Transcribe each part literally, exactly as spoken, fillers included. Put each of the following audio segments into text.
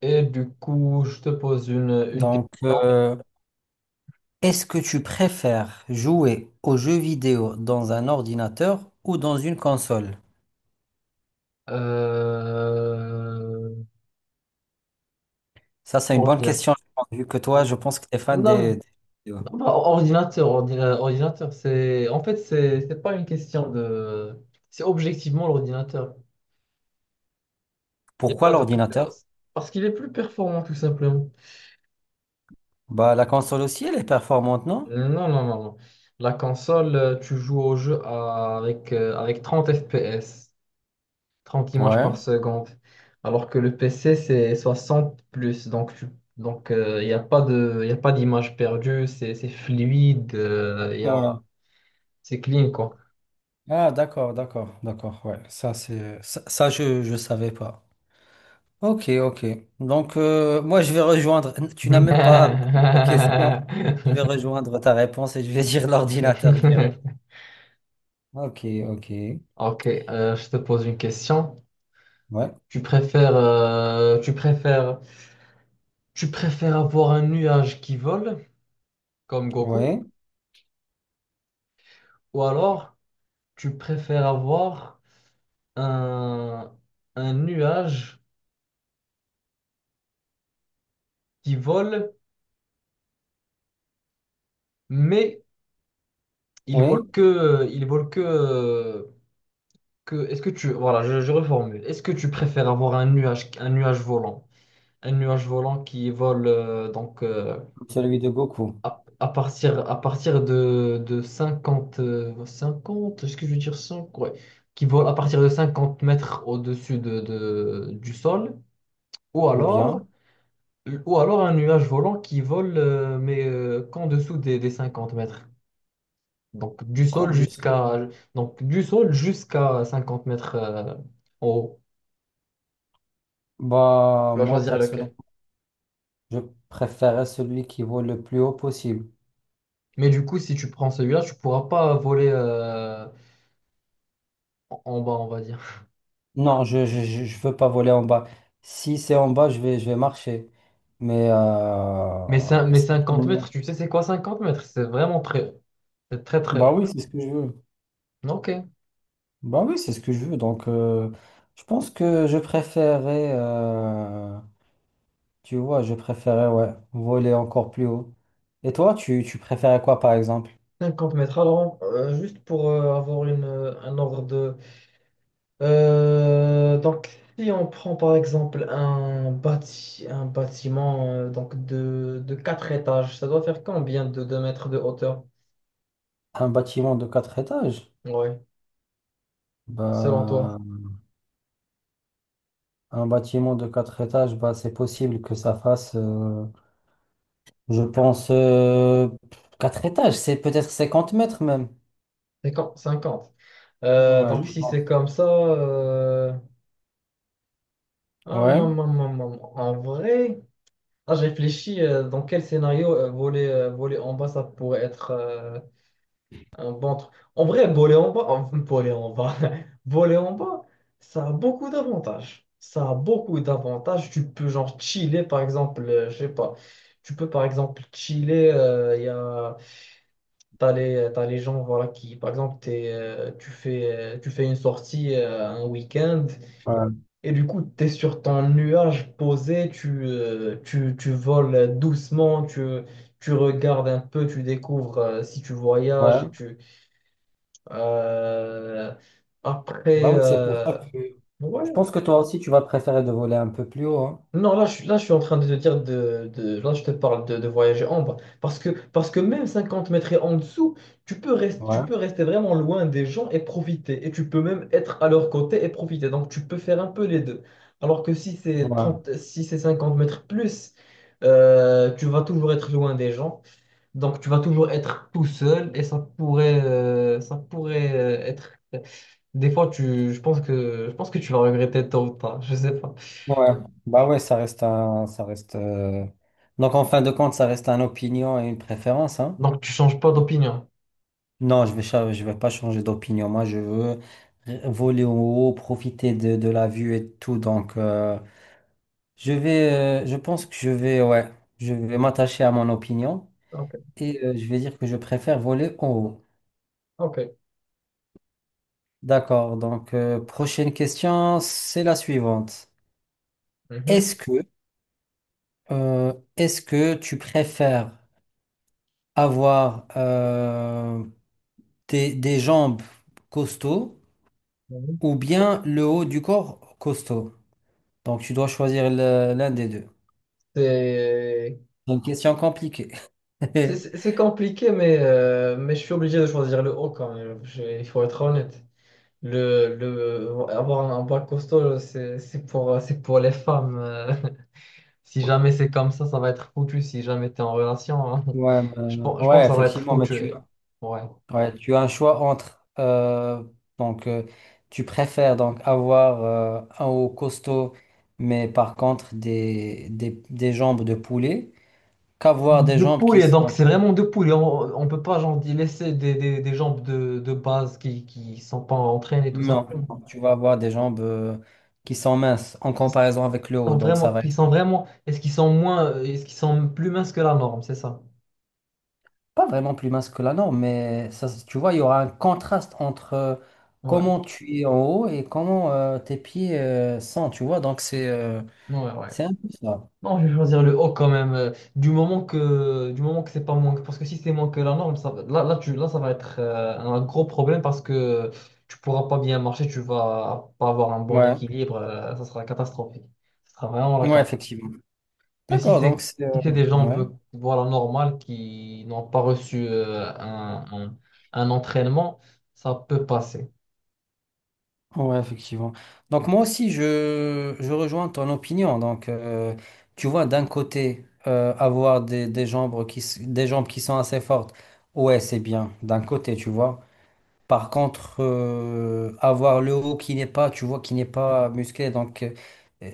Et du coup, je te pose une, une Donc, question. euh, Est-ce que tu préfères jouer aux jeux vidéo dans un ordinateur ou dans une console? Euh... Ça, c'est une bonne Ordinateur. question, je pense, vu que toi, je pense que tu es Non, fan des, non, des jeux vidéo. bah, ordinateur, ordina- ordinateur, c'est... En fait, c'est c'est pas une question de... C'est objectivement l'ordinateur. Il n'y a Pourquoi pas de l'ordinateur? préférence. Parce qu'il est plus performant, tout simplement. Bah, la console aussi, elle est performante, non? Non, non, non, non. La console, euh, tu joues au jeu à- avec, euh, avec trente F P S, trente images Ouais. par seconde. Alors que le P C, c'est soixante plus. Donc, tu- donc il n'y a pas de, y a pas d'image perdue. C'est c'est fluide. euh, y a, Ouais. C'est clean, quoi. Ah, d'accord, d'accord, d'accord. Ouais, ça, c'est ça, ça, je je savais pas. Ok, ok. Donc, euh, moi, je vais rejoindre. Tu n'as même pas posé la question. Je vais rejoindre ta réponse et je vais dire l'ordinateur direct. Ok, ok. Ok, euh, je te pose une question. Ouais, Tu préfères, euh, tu préfères, tu préfères avoir un nuage qui vole, comme Goku, ouais, ou alors tu préfères avoir un, un nuage qui vole. Mais Ils volent ouais, que, ils volent que, que. Est-ce que tu, voilà, je, je reformule. Est-ce que tu préfères avoir un nuage, un nuage volant, un nuage volant qui vole, euh, donc, euh, celui de Goku. à, à partir, à partir de, de cinquante, euh, cinquante, est-ce que je veux dire cinq, ouais, qui vole à partir de cinquante mètres au-dessus de, de- du sol, ou Ou alors, bien, ou alors un nuage volant qui vole, euh, mais euh, qu'en dessous des, des cinquante mètres. Donc du camp sol de Seoul. jusqu'à donc du sol jusqu'à cinquante mètres, euh, en haut. Bah, Tu vas moi, choisir lequel? personnellement, je préférais celui qui vole le plus haut possible. Mais du coup, si tu prends celui-là, tu pourras pas voler, euh, en en bas, on va dire. Non, je, je, je je veux pas voler en bas. Si c'est en bas, je vais, je vais marcher. Mais, Mais, cin- euh, mais si- cinquante mètres, tu sais c'est quoi cinquante mètres? C'est vraiment très haut. C'est très très bah haut. oui, c'est ce que je veux. Ok. Bah oui, c'est ce que je veux. Donc, euh, je pense que je préférais, euh, tu vois, je préférais, ouais, voler encore plus haut. Et toi, tu, tu préférais quoi, par exemple? Cinquante mètres. Alors, euh, juste pour euh, avoir une, euh, un ordre de... Euh, donc, si on prend par exemple un, bâti- un bâtiment, euh, donc de, de quatre étages, ça doit faire combien de deux mètres de hauteur? Un bâtiment de quatre étages? Oui, selon toi. Bah, un bâtiment de quatre étages, bah, c'est possible que ça fasse, euh, je pense, euh, quatre étages, c'est peut-être cinquante mètres même. cinquante. cinquante. Euh, Ouais, je Donc, si c'est pense. comme ça, euh, hum, Ouais, hum, hum, hum, hum. En vrai, ah, j'ai réfléchi, euh, dans quel scénario, euh, voler, euh, voler en bas, ça pourrait être, euh, un bon truc. En vrai, voler en bas, en- voler en bas, voler en bas, ça a beaucoup d'avantages. Ça a beaucoup d'avantages. Tu peux, genre, chiller, par exemple, euh, je sais pas. Tu peux, par exemple, chiller. euh, Il T'as les, t'as les gens, voilà, qui, par exemple, t'es, euh, tu fais, euh, tu fais une sortie, euh, un week-end, ouais, et du coup, tu es sur ton nuage posé, tu, euh, tu, tu voles doucement, tu, tu regardes un peu, tu découvres, euh, si tu voyages. ouais. Tu, euh, Après, Bah oui, c'est pour ça euh, que ouais. je pense que toi aussi, tu vas préférer de voler un peu plus haut, hein. Non, là je, suis- là, je suis en train de te dire de, de- là, je te parle de, de voyager en bas. Parce que, parce que même cinquante mètres et en dessous, tu peux rester, tu Ouais, peux rester vraiment loin des gens et profiter. Et tu peux même être à leur côté et profiter. Donc, tu peux faire un peu les deux. Alors que si c'est ouais, trente si c'est cinquante mètres plus, euh, tu vas toujours être loin des gens. Donc, tu vas toujours être tout seul et ça pourrait, euh, ça pourrait euh, être. Des fois, tu, je pense que, je pense que tu vas regretter tôt ou tard. Je sais pas. ouais. Bah ouais, ça reste un, ça reste, euh, donc en fin de compte, ça reste un opinion et une préférence, hein. Donc, tu changes pas d'opinion. Non, je vais, cha- je vais pas changer d'opinion. Moi, je veux r- voler en haut, profiter de, de la vue et tout. Donc, euh, je vais, euh, je pense que je vais, ouais, je vais m'attacher à mon opinion Ok, et euh, je vais dire que je préfère voler en haut. ok. D'accord. Donc, euh, prochaine question, c'est la suivante. Mhm. Est-ce que, euh, est-ce que tu préfères avoir euh, des, des jambes costauds Mhm. ou bien le haut du corps costaud? Donc, tu dois choisir le- l'un des deux. C'est C'est une question compliquée. c'est- c'est- c'est compliqué, mais, euh, mais je suis obligé de choisir le haut quand même. Je- Il faut être honnête. Le, le, avoir un bac costaud, c'est c'est pour, c'est pour les femmes. euh. Si jamais c'est comme ça, ça va être foutu. Si jamais tu es en relation, hein. Ouais, Je, euh, pense- je pense ouais, que ça va être effectivement, mais foutu. tu, et- Ouais. ouais, tu as un choix entre, euh, donc, euh, tu préfères donc avoir euh, un haut costaud, mais par contre des, des, des jambes de poulet, qu'avoir des De jambes qui poulet, donc sont. c'est tu- vraiment de poulet. On, on peut pas, genre, y laisser des, des, des jambes de, de base qui qui sont pas entraînées, tout Non, simplement. non, tu vas avoir des jambes euh, qui sont minces en comparaison avec le haut. Sont Donc, ça vraiment, va qui être. sont vraiment, est-ce qu'ils sont moins, euh, est-ce qu'ils sont plus minces que la norme, c'est ça? Pas vraiment plus mince que la norme, mais ça, se- tu vois, il y aura un contraste entre euh, Ouais, comment tu es en haut et comment euh, tes pieds euh, sont, tu vois. Donc, c'est euh, ouais, ouais. c'est un peu ça. Non, je vais choisir le haut quand même. euh, du moment que, du moment que c'est pas moins, que- parce que si c'est moins que la norme, ça, va- là, là, tu, là, ça va être, euh, un gros problème parce que tu pourras pas bien marcher, tu vas pas avoir un bon Ouais, équilibre, euh, ça sera catastrophique. Ça sera vraiment la ouais, cata. effectivement. Mais si D'accord, donc c'est, c'est... euh, si c'est des gens un ouais, peu, voilà, normales qui n'ont pas reçu, euh, un, un un entraînement, ça peut passer. ouais, effectivement. Donc, moi aussi, je, je rejoins ton opinion. Donc, euh, tu vois, d'un côté, euh, avoir des, des jambes qui, s- des jambes qui sont assez fortes, ouais, c'est bien, d'un côté, tu vois. Par contre, euh, avoir le haut qui n'est pas, tu vois, qui n'est pas musclé, donc euh, euh,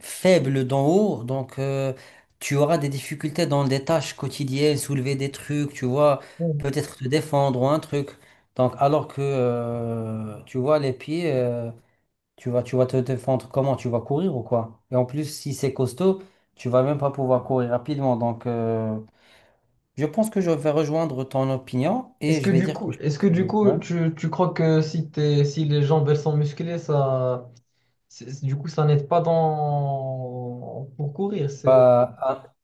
faible d'en haut, donc euh, tu auras des difficultés dans des tâches quotidiennes, soulever des trucs, tu vois, peut-être te défendre ou un truc. Donc, alors que, euh, tu vois, les pieds, euh, tu vas, tu vas te défendre comment? Tu vas courir ou quoi? Et en plus, si c'est costaud, tu vas même pas pouvoir courir rapidement. Donc, euh, je pense que je vais rejoindre ton opinion Est-ce et je que vais du dire que coup, je est-ce que du préfère- ouais. coup, tu, tu crois que si t'es, si les jambes elles sont musclées, ça, c'est- c'est- du coup, ça n'aide pas dans pour courir. C'est Bah,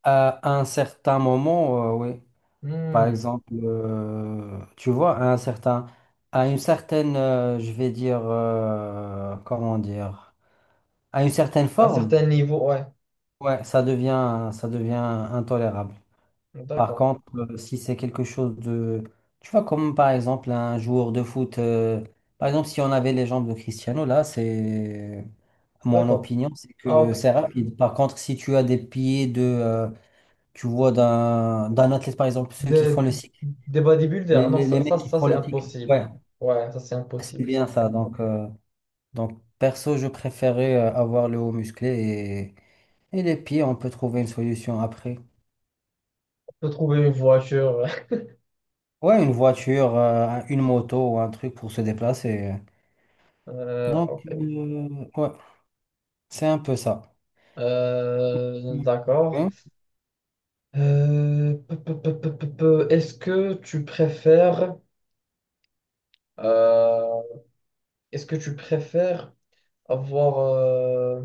à, à un certain moment, euh, oui. Par Hmm. exemple, euh, tu vois, à un certain, à une certaine, euh, je vais dire, euh, comment dire, à une certaine À un forme, certain niveau, ouais. ouais, ça devient, ça devient intolérable. Par D'accord, contre, euh, si c'est quelque chose de, tu vois, comme par exemple un joueur de foot, euh, par exemple, si on avait les jambes de Cristiano, là, c'est, mon d'accord. opinion, c'est Ah que ok. c'est rapide. Par contre, si tu as des pieds de euh, tu vois, d'un d'un athlète, par exemple, ceux qui Des, font le cycle, des les, bodybuilders, non, les, les ça, ça, mecs qui ça, font c'est le cycle. impossible. Ouais, Ouais, ça c'est c'est impossible. bien ça. Donc, euh, donc perso, je préférais euh, avoir le haut musclé et, et les pieds, on peut trouver une solution après. On peut trouver une voiture. Ouais, une voiture, euh, un- une moto ou un truc pour se déplacer. Euh, Donc, Ok. euh, ouais, c'est un peu ça. Euh, Mm. D'accord. Hein. Euh, peu, peu, peu, peu, peu, peu. Est-ce que tu préfères, euh, est-ce que tu préfères avoir. euh,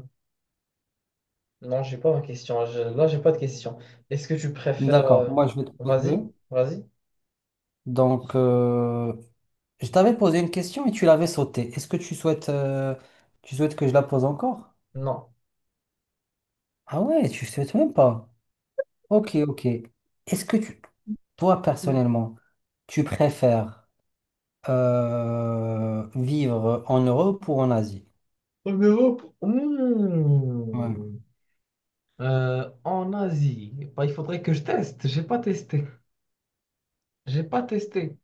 Non, j'ai pas ma question. Je- Là, j'ai pas de question. Est-ce que tu préfères. D'accord, euh, moi je vais te poser. Vas-y, vas-y. Donc, euh, je t'avais posé une question et tu l'avais sautée. Est-ce que tu souhaites, euh, tu souhaites que je la pose encore? Non. Ah ouais, tu souhaites même pas. Ok, ok. Est-ce que tu, toi personnellement, tu préfères euh, vivre en Europe ou en Asie? En Europe. Ouais. Mmh. Euh, en Asie. Bah, il faudrait que je teste. J'ai pas testé. J'ai pas testé.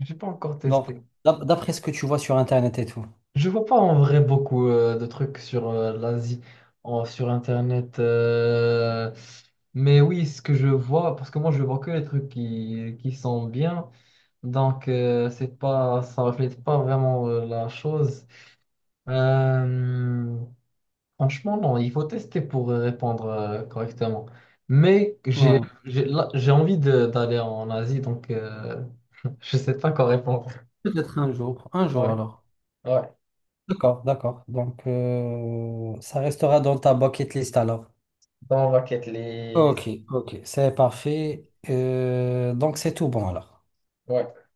J'ai pas encore Donc, testé. d'ap- d'après ce que tu vois sur Internet et tout. Je vois pas en vrai beaucoup, euh, de trucs sur, euh, l'Asie, en- sur Internet. euh, Mais oui, ce que je vois, parce que moi je vois que les trucs qui, qui sont bien. Donc, euh, c'est pas, ça reflète pas vraiment, euh, la chose. Euh, Franchement, non, il faut tester pour, euh, répondre, euh, correctement. Mais j'ai, Ouais. j'ai, là, j'ai envie de- d'aller en Asie, donc. Euh, je sais pas quoi répondre. Peut-être un jour. Un jour Ouais, alors. ouais. D'accord, d'accord. Donc, euh, ça restera dans ta bucket list alors. Dans ma quête Ok, list. ok, c'est parfait. Euh, donc, c'est tout bon alors. Ouais.